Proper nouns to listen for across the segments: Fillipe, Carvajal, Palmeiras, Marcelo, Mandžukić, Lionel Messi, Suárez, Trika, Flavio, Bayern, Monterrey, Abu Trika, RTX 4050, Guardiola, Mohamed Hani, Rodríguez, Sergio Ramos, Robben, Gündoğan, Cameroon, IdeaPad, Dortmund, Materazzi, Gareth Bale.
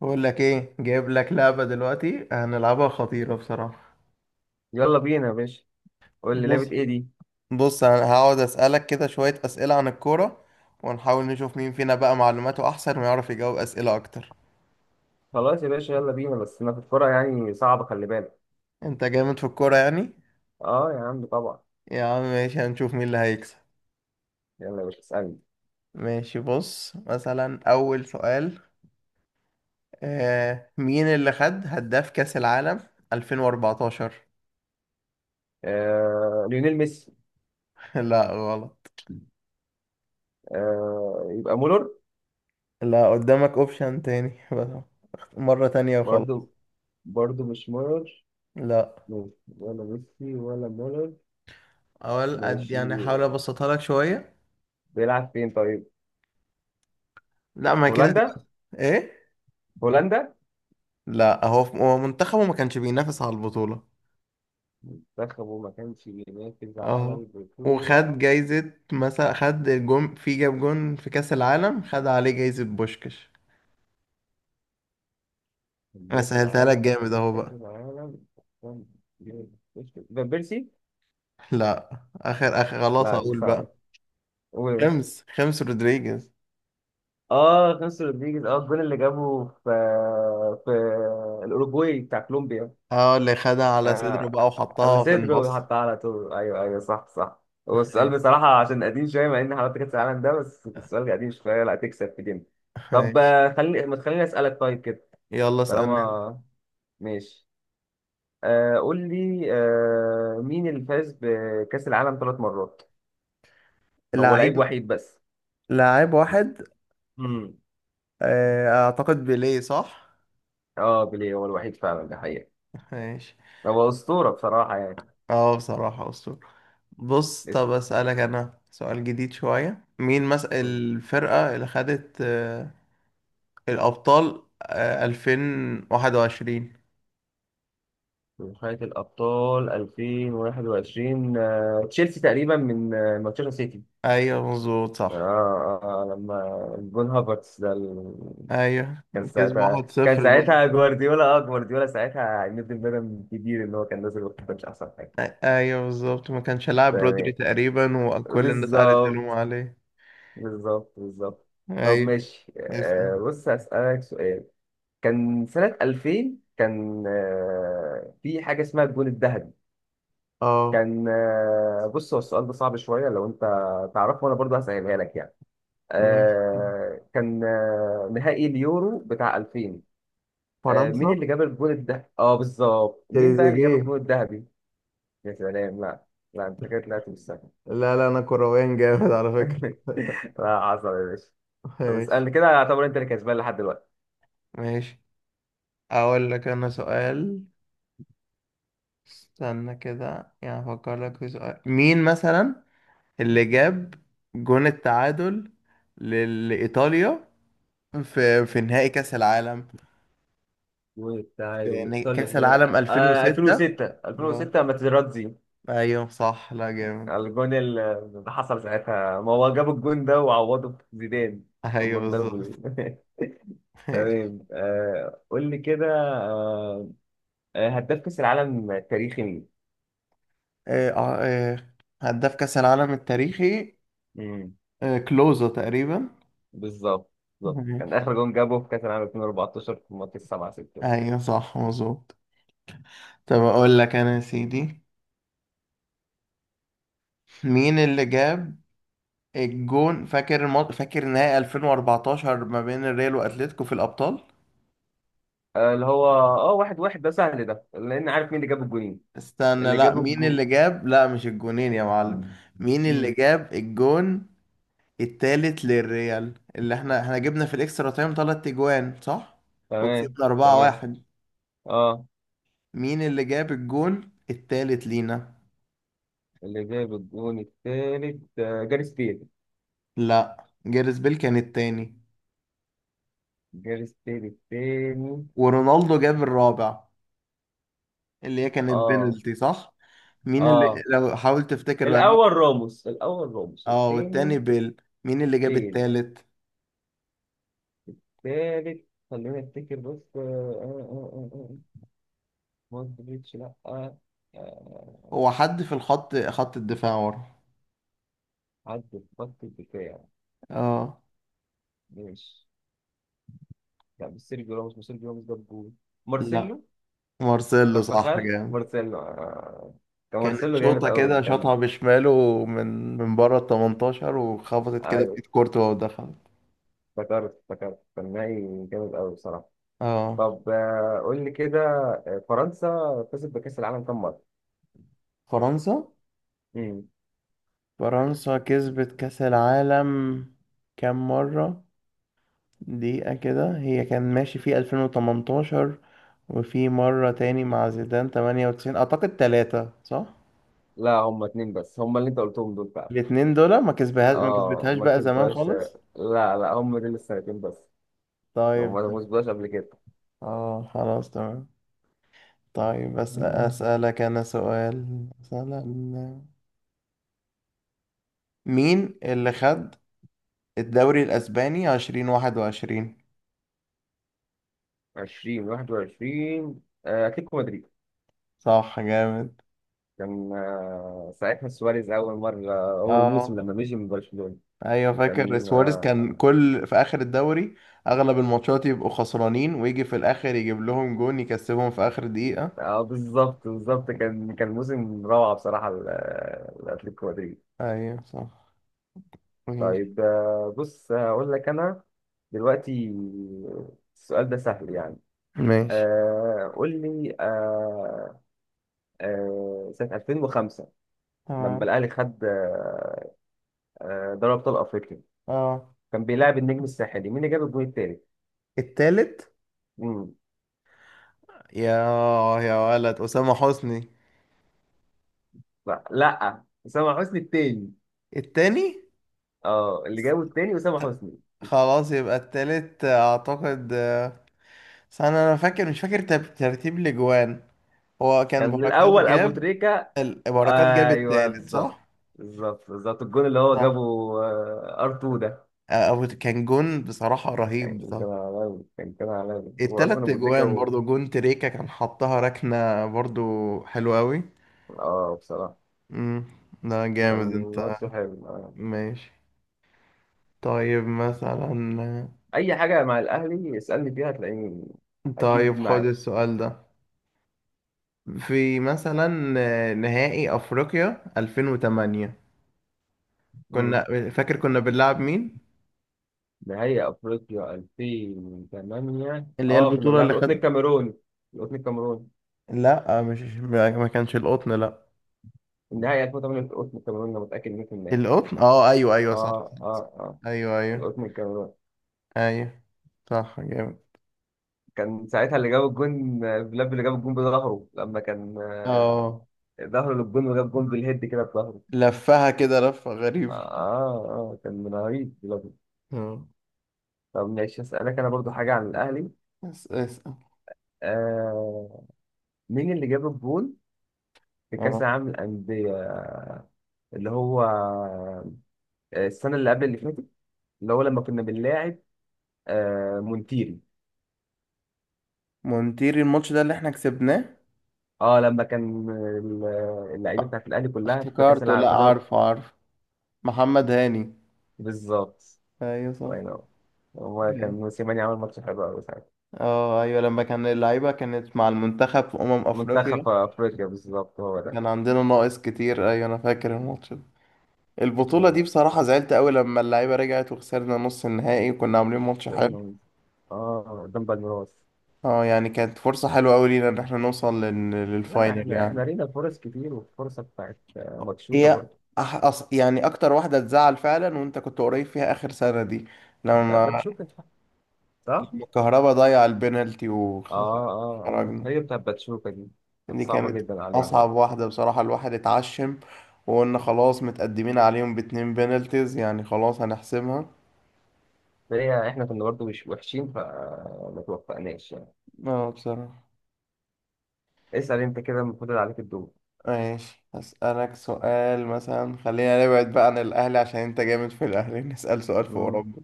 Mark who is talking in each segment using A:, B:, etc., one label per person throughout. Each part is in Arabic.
A: بقول لك ايه؟ جايب لك لعبة دلوقتي هنلعبها، خطيرة بصراحة.
B: يلا بينا يا باشا. قول لي
A: بص
B: لعبة ايه دي؟
A: بص، انا هقعد اسألك كده شوية اسئلة عن الكورة، ونحاول نشوف مين فينا بقى معلوماته احسن ويعرف يجاوب اسئلة اكتر.
B: خلاص يا باشا، يلا بينا، بس ما في الكورة يعني صعبة، خلي بالك.
A: انت جامد في الكورة يعني؟
B: اه يا عم طبعا.
A: يا عم ماشي، هنشوف مين اللي هيكسب.
B: يلا يا باشا، اسألني.
A: ماشي، بص مثلا اول سؤال. مين اللي خد هداف كأس العالم 2014؟
B: ليونيل ميسي.
A: لا، غلط.
B: يبقى مولر.
A: لا، قدامك اوبشن تاني بس. مرة تانية وخلاص.
B: برضو برضو مش مولر، ماشي.
A: لا،
B: ولا ميسي ولا مولر.
A: اقول قد
B: ماشي.
A: يعني، احاول ابسطها لك شويه.
B: بيلعب فين طيب؟
A: لا، ما هي كده
B: هولندا.
A: تبقى ايه.
B: هولندا.
A: لا، هو هو منتخبه ما كانش بينافس على البطوله.
B: منتخبه ما كانش بينافس على
A: اهو.
B: البطولة.
A: وخد جايزه، مثلا خد الجون، في جاب جون في كاس العالم خد عليه جايزه بوشكش. انا
B: كان في
A: سهلتها لك
B: العالم
A: جامد
B: قبل
A: اهو
B: كأس
A: بقى.
B: العالم. كان- بينافس. فان بيرسي.
A: لا، اخر اخر خلاص
B: لا مش
A: اقول
B: صعبة،
A: بقى،
B: قول يا باشا.
A: خمس رودريجيز.
B: اه، خانسو رودريجيز، الجون اللي جابه في الاوروجواي بتاع كولومبيا.
A: اه، اللي خدها على صدره
B: آه
A: بقى وحطها في
B: السيدرو
A: النص.
B: حتى على طول، ايوه، ايوه، صح، صح. هو السؤال
A: ماشي.
B: بصراحه عشان قديم شويه، مع ان حضرتك كاس العالم ده، بس السؤال قديم شويه، لا تكسب في دي. طب،
A: ماشي.
B: ما تخليني اسالك طيب كده.
A: يلا اسألني انت.
B: طالما ماشي. قول لي، مين اللي فاز بكاس العالم ثلاث مرات؟ هو لعيب
A: لعيب.
B: وحيد بس؟
A: لعيب واحد.
B: امم
A: اعتقد بيليه، صح؟
B: اه، بيليه هو الوحيد فعلا ده حقيقه.
A: ماشي.
B: هو اسطوره بصراحه، يعني.
A: اه، بصراحة أسطورة. بص، طب
B: لسه.
A: أسألك أنا سؤال جديد شوية، مين مس الفرقة اللي خدت الأبطال 2021؟
B: من نهاية الأبطال 2021، تشيلسي تقريبا من مانشستر سيتي.
A: أيوة مظبوط صح.
B: لما جون هافرتس ده
A: أيوة.
B: كان
A: كسب
B: ساعتها
A: واحد
B: كان
A: صفر دول.
B: ساعتها جوارديولا، جوارديولا ساعتها ميد بدن كبير اللي هو كان نازل وقت مش أحسن حاجة.
A: أيوة بالظبط، ما كانش لاعب
B: تمام.
A: رودري تقريبا، وكل الناس قعدت
B: بالظبط،
A: تلوم عليه.
B: بالظبط، بالظبط. طب
A: أيوة.
B: ماشي،
A: اسأل.
B: بص هسألك سؤال. كان سنة 2000، كان في حاجة اسمها الجون الذهبي.
A: اه،
B: كان آه، بص، هو السؤال ده صعب شوية لو أنت تعرفه، وأنا برضه هسألها لك يعني.
A: ماشي.
B: كان نهائي اليورو بتاع 2000. مين
A: فرنسا.
B: اللي جاب الجول الذهبي؟ بالظبط، مين بقى اللي جاب
A: تريزيجيه.
B: الجول الذهبي؟ يا سلام. لا. لا أنت كده طلعت مش سهل.
A: لا لا، أنا كرويان جامد على فكرة.
B: لا حصل يا باشا. طب
A: ماشي.
B: اسألني كده، اعتبر أنت اللي كسبان لحد دلوقتي.
A: ماشي، اقول لك انا سؤال. استنى كده يعني، افكر لك في سؤال، مين مثلا اللي جاب جون التعادل لايطاليا في نهائي كاس العالم، في
B: وتعادل
A: كاس
B: إيطاليا.
A: العالم 2006؟
B: 2006،
A: اه،
B: 2006، ماتيراتزي.
A: ايوه صح، لا جامد.
B: الجون اللي حصل ساعتها، ما هو جاب الجون ده وعوضه بزيدان. لما
A: ايوه
B: اتضربوا
A: بالظبط. ماشي.
B: تمام. قول لي كده. آه هداف كأس العالم التاريخي مين؟
A: آه، آه، آه، هداف كاس العالم التاريخي
B: امم.
A: كلوزا تقريبا.
B: بالظبط، بالظبط كان
A: ماشي.
B: آخر جون جابه في كأس العالم 2014 في ماتش 7 6 ده.
A: ايوه صح مظبوط. طب اقول لك انا يا سيدي، مين اللي جاب الجون، فاكر فاكر نهائي 2014 ما بين الريال واتلتيكو في الابطال؟
B: اللي هو واحد واحد، ده سهل ده لأن عارف مين اللي جاب الجونين.
A: استنى،
B: اللي
A: لا،
B: جاب
A: مين
B: الجون.
A: اللي جاب، لا مش الجونين يا معلم، مين اللي
B: امم.
A: جاب الجون التالت للريال، اللي احنا جبنا في الاكسترا تايم تلات اجوان صح،
B: تمام.
A: وكسبنا
B: تمام.
A: 4-1.
B: اه،
A: مين اللي جاب الجون التالت لينا؟
B: اللي جاب الجون التالت جاريث بيل.
A: لا، جاريث بيل كان التاني،
B: جاريث بيل التاني؟
A: ورونالدو جاب الرابع، اللي هي كانت
B: اه،
A: بينالتي صح. مين اللي،
B: اه،
A: لو حاول تفتكر بقى
B: الاول
A: مين.
B: راموس، الاول راموس
A: اه، والتاني
B: الثاني.
A: بيل، مين اللي جاب
B: بيل
A: التالت؟
B: الثالث. خلينا نفتكر بس، مودريتش؟ لا. آه،
A: هو حد في خط الدفاع ورا.
B: عدى في خط الدفاع.
A: اه.
B: ماشي. لا، مش سيرجيو راموس، مش سيرجيو راموس جاب جول.
A: لا،
B: مارسيلو.
A: مارسيلو، صح
B: كارفاخال؟
A: جامد.
B: مارسيلو. كان
A: كانت
B: مارسيلو جامد
A: شوطة
B: قوي،
A: كده
B: كان.
A: شاطها بشماله، من بره ال 18، وخبطت كده في
B: ايوه،
A: ايد كورتوا ودخلت.
B: افتكرت، افتكرت كان نهائي جامد قوي بصراحه.
A: اه.
B: طب، قول لي كده. فرنسا كسبت بكاس العالم كام
A: فرنسا.
B: مره؟
A: فرنسا كسبت كأس العالم كام مرة؟ دقيقة كده، هي كان ماشي في 2018، وفي مرة تاني مع زيدان 98 أعتقد، تلاتة صح؟
B: لا، هم اتنين بس، هم اللي انت قلتهم دول فعلا.
A: الاتنين دول، ما كسبها ما
B: اه
A: كسبتهاش
B: ما
A: بقى زمان
B: كسبهاش.
A: خالص.
B: لا، لا، هم دول السنتين بس. هم
A: طيب
B: ما
A: طيب.
B: كسبهاش قبل كده.
A: اه، خلاص تمام. طيب بس أسألك أنا سؤال مثلا، مين اللي خد الدوري الأسباني 2021؟
B: 20 21، اتلتيكو مدريد.
A: صح جامد.
B: كان ساعتها سواريز اول مره. اول
A: اه.
B: موسم لما مشي من برشلونه.
A: أيوة فاكر
B: كان.
A: سواريز كان
B: اه.
A: كل في آخر الدوري، أغلب الماتشات يبقوا خسرانين ويجي في الآخر يجيب لهم جون يكسبهم في آخر دقيقة.
B: بالظبط، بالظبط كان موسم روعه بصراحه، لاتلتيكو مدريد.
A: أيوة صح. ماشي.
B: طيب، بص هقول لك انا دلوقتي، السؤال ده سهل يعني.
A: ماشي.
B: قول لي، سنة 2005 لما
A: تمام.
B: الأهلي خد دوري أبطال أفريقيا.
A: اه.
B: كان بيلاعب النجم الساحلي، مين اللي جاب الجون التالت؟
A: التالت.
B: مم.
A: يا، يا ولد أسامة حسني.
B: لا، لا، أسامة حسني التاني.
A: التاني.
B: اه، اللي جابه التاني أسامة حسني.
A: خلاص يبقى التالت أعتقد، استنى أنا فاكر، مش فاكر ترتيب الأجوان، هو كان
B: كان
A: بركات
B: الأول أبو
A: جاب،
B: تريكة.
A: بركات جاب
B: أيوه،
A: التالت
B: بالظبط.
A: صح؟
B: بالظبط، بالظبط، الجون اللي هو
A: صح.
B: جابه، ار 2 ده،
A: أو كان جون بصراحة رهيب
B: كان
A: بصراحة.
B: عالمي، كان عالمي، هو أصلا
A: التلات
B: أبو تريكة
A: أجوان
B: و...
A: برضو، جون تريكا كان حطها ركنة برضو، حلوة أوي.
B: اه، بصراحة
A: مم، ده
B: كان
A: جامد أنت.
B: ماتش حلو.
A: ماشي. طيب مثلا.
B: أي حاجة مع الأهلي اسألني فيها هتلاقيني أكيد
A: طيب خد
B: معاك.
A: السؤال ده، في مثلا نهائي افريقيا 2008، كنا، فاكر كنا بنلعب مين؟
B: نهائي افريقيا 2008،
A: اللي هي
B: اه، كنا
A: البطولة
B: بنلعب
A: اللي
B: القطن
A: خد.
B: الكاميرون. القطن الكاميرون.
A: لا مش ما كانش القطن، لا.
B: النهائي 2008 في القطن الكاميرون، انا متاكد 100%.
A: القطن، اه ايوه ايوه صح.
B: اه، اه، اه،
A: ايوه ايوه.
B: القطن الكاميرون.
A: ايوه. صح جامد.
B: كان ساعتها اللي جاب الجون، فيلاب، اللي جاب الجون بظهره لما كان
A: اه.
B: ظهره للجون، وجاب جون بالهيد كده بظهره.
A: لفها كده لفة غريبة.
B: اه، اه، كان من رهيب فيلاب.
A: اه.
B: طب ماشي، اسالك انا برضو حاجه عن الاهلي.
A: بس اسأل.
B: آه مين اللي جاب الجون في كاس
A: اه.
B: العالم للانديه، اللي هو السنه اللي قبل اللي فاتت، اللي هو لما كنا بنلاعب مونتيري.
A: مونتير الماتش ده اللي احنا كسبناه.
B: اه، لما كان اللعيبه بتاعت الاهلي كلها في كاس
A: افتكرته،
B: العالم
A: لا
B: في دوري.
A: عارفه عارفه، محمد هاني.
B: بالظبط.
A: ايوه صح.
B: الله ينور. هو كان موسيماني عمل ماتش حلو قوي ساعتها.
A: اه ايوه، لما كان اللعيبة كانت مع المنتخب في أمم أفريقيا.
B: منتخب افريقيا بالظبط هو ده.
A: كان عندنا ناقص كتير، ايوه انا فاكر الماتش ده. البطولة دي بصراحة زعلت قوي، لما اللعيبة رجعت وخسرنا نص النهائي وكنا عاملين ماتش حلو.
B: اه، قدام بالميراس.
A: اه، يعني كانت فرصة حلوة قوي لينا ان احنا نوصل
B: لا،
A: للفاينل
B: احنا
A: يعني.
B: لينا فرص كتير، والفرصه بتاعت ماتشوكا
A: هي
B: برضه.
A: يعني اكتر واحدة تزعل فعلا، وانت كنت قريب فيها اخر سنة دي،
B: بتاعت
A: لما،
B: باتشوكا صح؟ اه.
A: لما الكهربا ضيع البنالتي
B: اه، اه،
A: وخرجنا.
B: هي بتاعت باتشوكا دي، كانت
A: دي
B: صعبه
A: كانت
B: جدا علينا.
A: أصعب واحدة بصراحة، الواحد اتعشم، وقلنا خلاص متقدمين عليهم باتنين بينالتيز يعني خلاص هنحسمها.
B: هي احنا كنا برضو مش وحشين، فما توفقناش يعني.
A: اه، بصراحة.
B: اسأل انت كده، المفروض عليك الدور.
A: ماشي، هسألك سؤال مثلا، خلينا نبعد بقى عن الأهلي عشان أنت جامد في الأهلي نسأل سؤال في
B: مم.
A: أوروبا.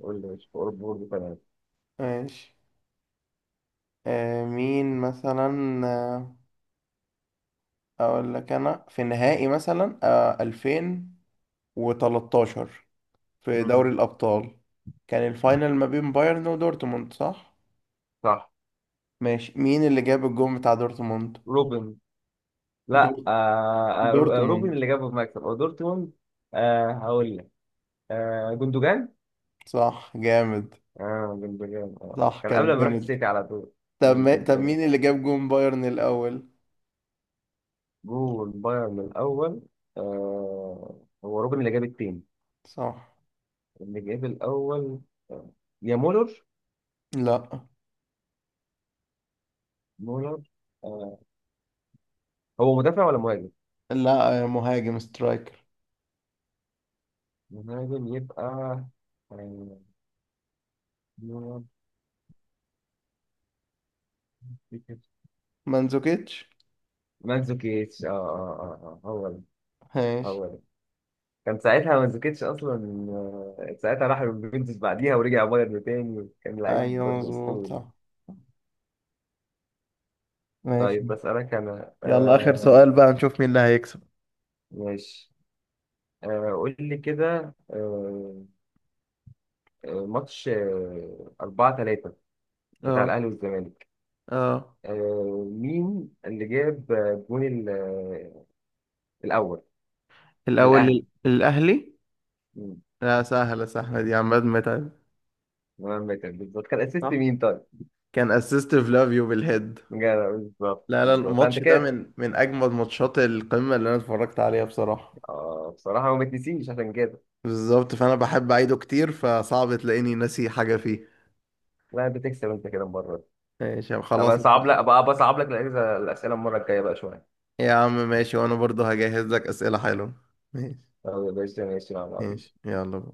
B: قول لي، مش فور برضو كمان.
A: ماشي. مين مثلا؟ أقول لك أنا في نهائي مثلا، 2013، في دوري
B: مم.
A: الأبطال، كان الفاينل ما بين بايرن ودورتموند صح؟
B: صح.
A: ماشي، مين اللي جاب الجون بتاع دورتموند؟
B: روبن.
A: دور...
B: لا.
A: دورتموند.
B: روبن اللي جاب المكسب او دورتموند. هقول لك، جندوجان.
A: صح جامد.
B: اه، جندوجان، اه،
A: صح،
B: كان قبل
A: كانت
B: ما يروح
A: بنالتي.
B: السيتي على طول.
A: طب
B: مم، كان
A: ما... طب
B: التاني.
A: مين اللي جاب جون بايرن الأول؟
B: جول بايرن الاول. هو روبن اللي جاب التاني.
A: صح.
B: اللي جاب الاول. آه. يا مولر؟
A: لا
B: مولر، هو مدافع ولا مهاجم؟
A: لا، يا مهاجم سترايكر.
B: مهاجم يبقى. آه،
A: مانزوكيتش.
B: مانزوكيتش. اه، اه، اه، هو ده.
A: ماشي.
B: هو ده. كان ساعتها مانزوكيتش اصلا. ساعتها راح اليوفنتوس بعديها ورجع بايرن تاني، كان لعيب
A: ايوه
B: برضه
A: مظبوط
B: اسطوري.
A: صح. ماشي.
B: طيب بسألك انا.
A: يلا آخر سؤال بقى، نشوف مين اللي هيكسب.
B: ماشي. قول لي كده. ماتش 4 3 بتاع
A: اه.
B: الاهلي والزمالك.
A: اه.
B: مين اللي جاب الجون الاول
A: الأول
B: للاهلي.
A: الأهلي. لا، سهلة سهلة دي، عماد متعب.
B: مهمة كانت بالظبط، كان اسيست
A: صح.
B: مين طيب؟
A: كان اسيست فلافيو بالهيد.
B: جدع، بالظبط،
A: لا لا،
B: بالظبط، فانت
A: الماتش ده
B: كده.
A: من اجمد ماتشات القمه اللي انا اتفرجت عليها بصراحه.
B: اه، بصراحة ما بتنسيش عشان كده.
A: بالظبط، فانا بحب اعيده كتير، فصعب تلاقيني ناسي حاجه فيه.
B: لا انت تكسب انت كده المرة دي.
A: ماشي يا عم، خلاص.
B: ابقى بصعب لك الاسئلة المرة الجاية بقى شوية.
A: يا عم ماشي، وانا برضو هجهز لك اسئله حلوه. ماشي.
B: طب يا باشا، ماشي مع بعض.
A: ماشي يلا بقى.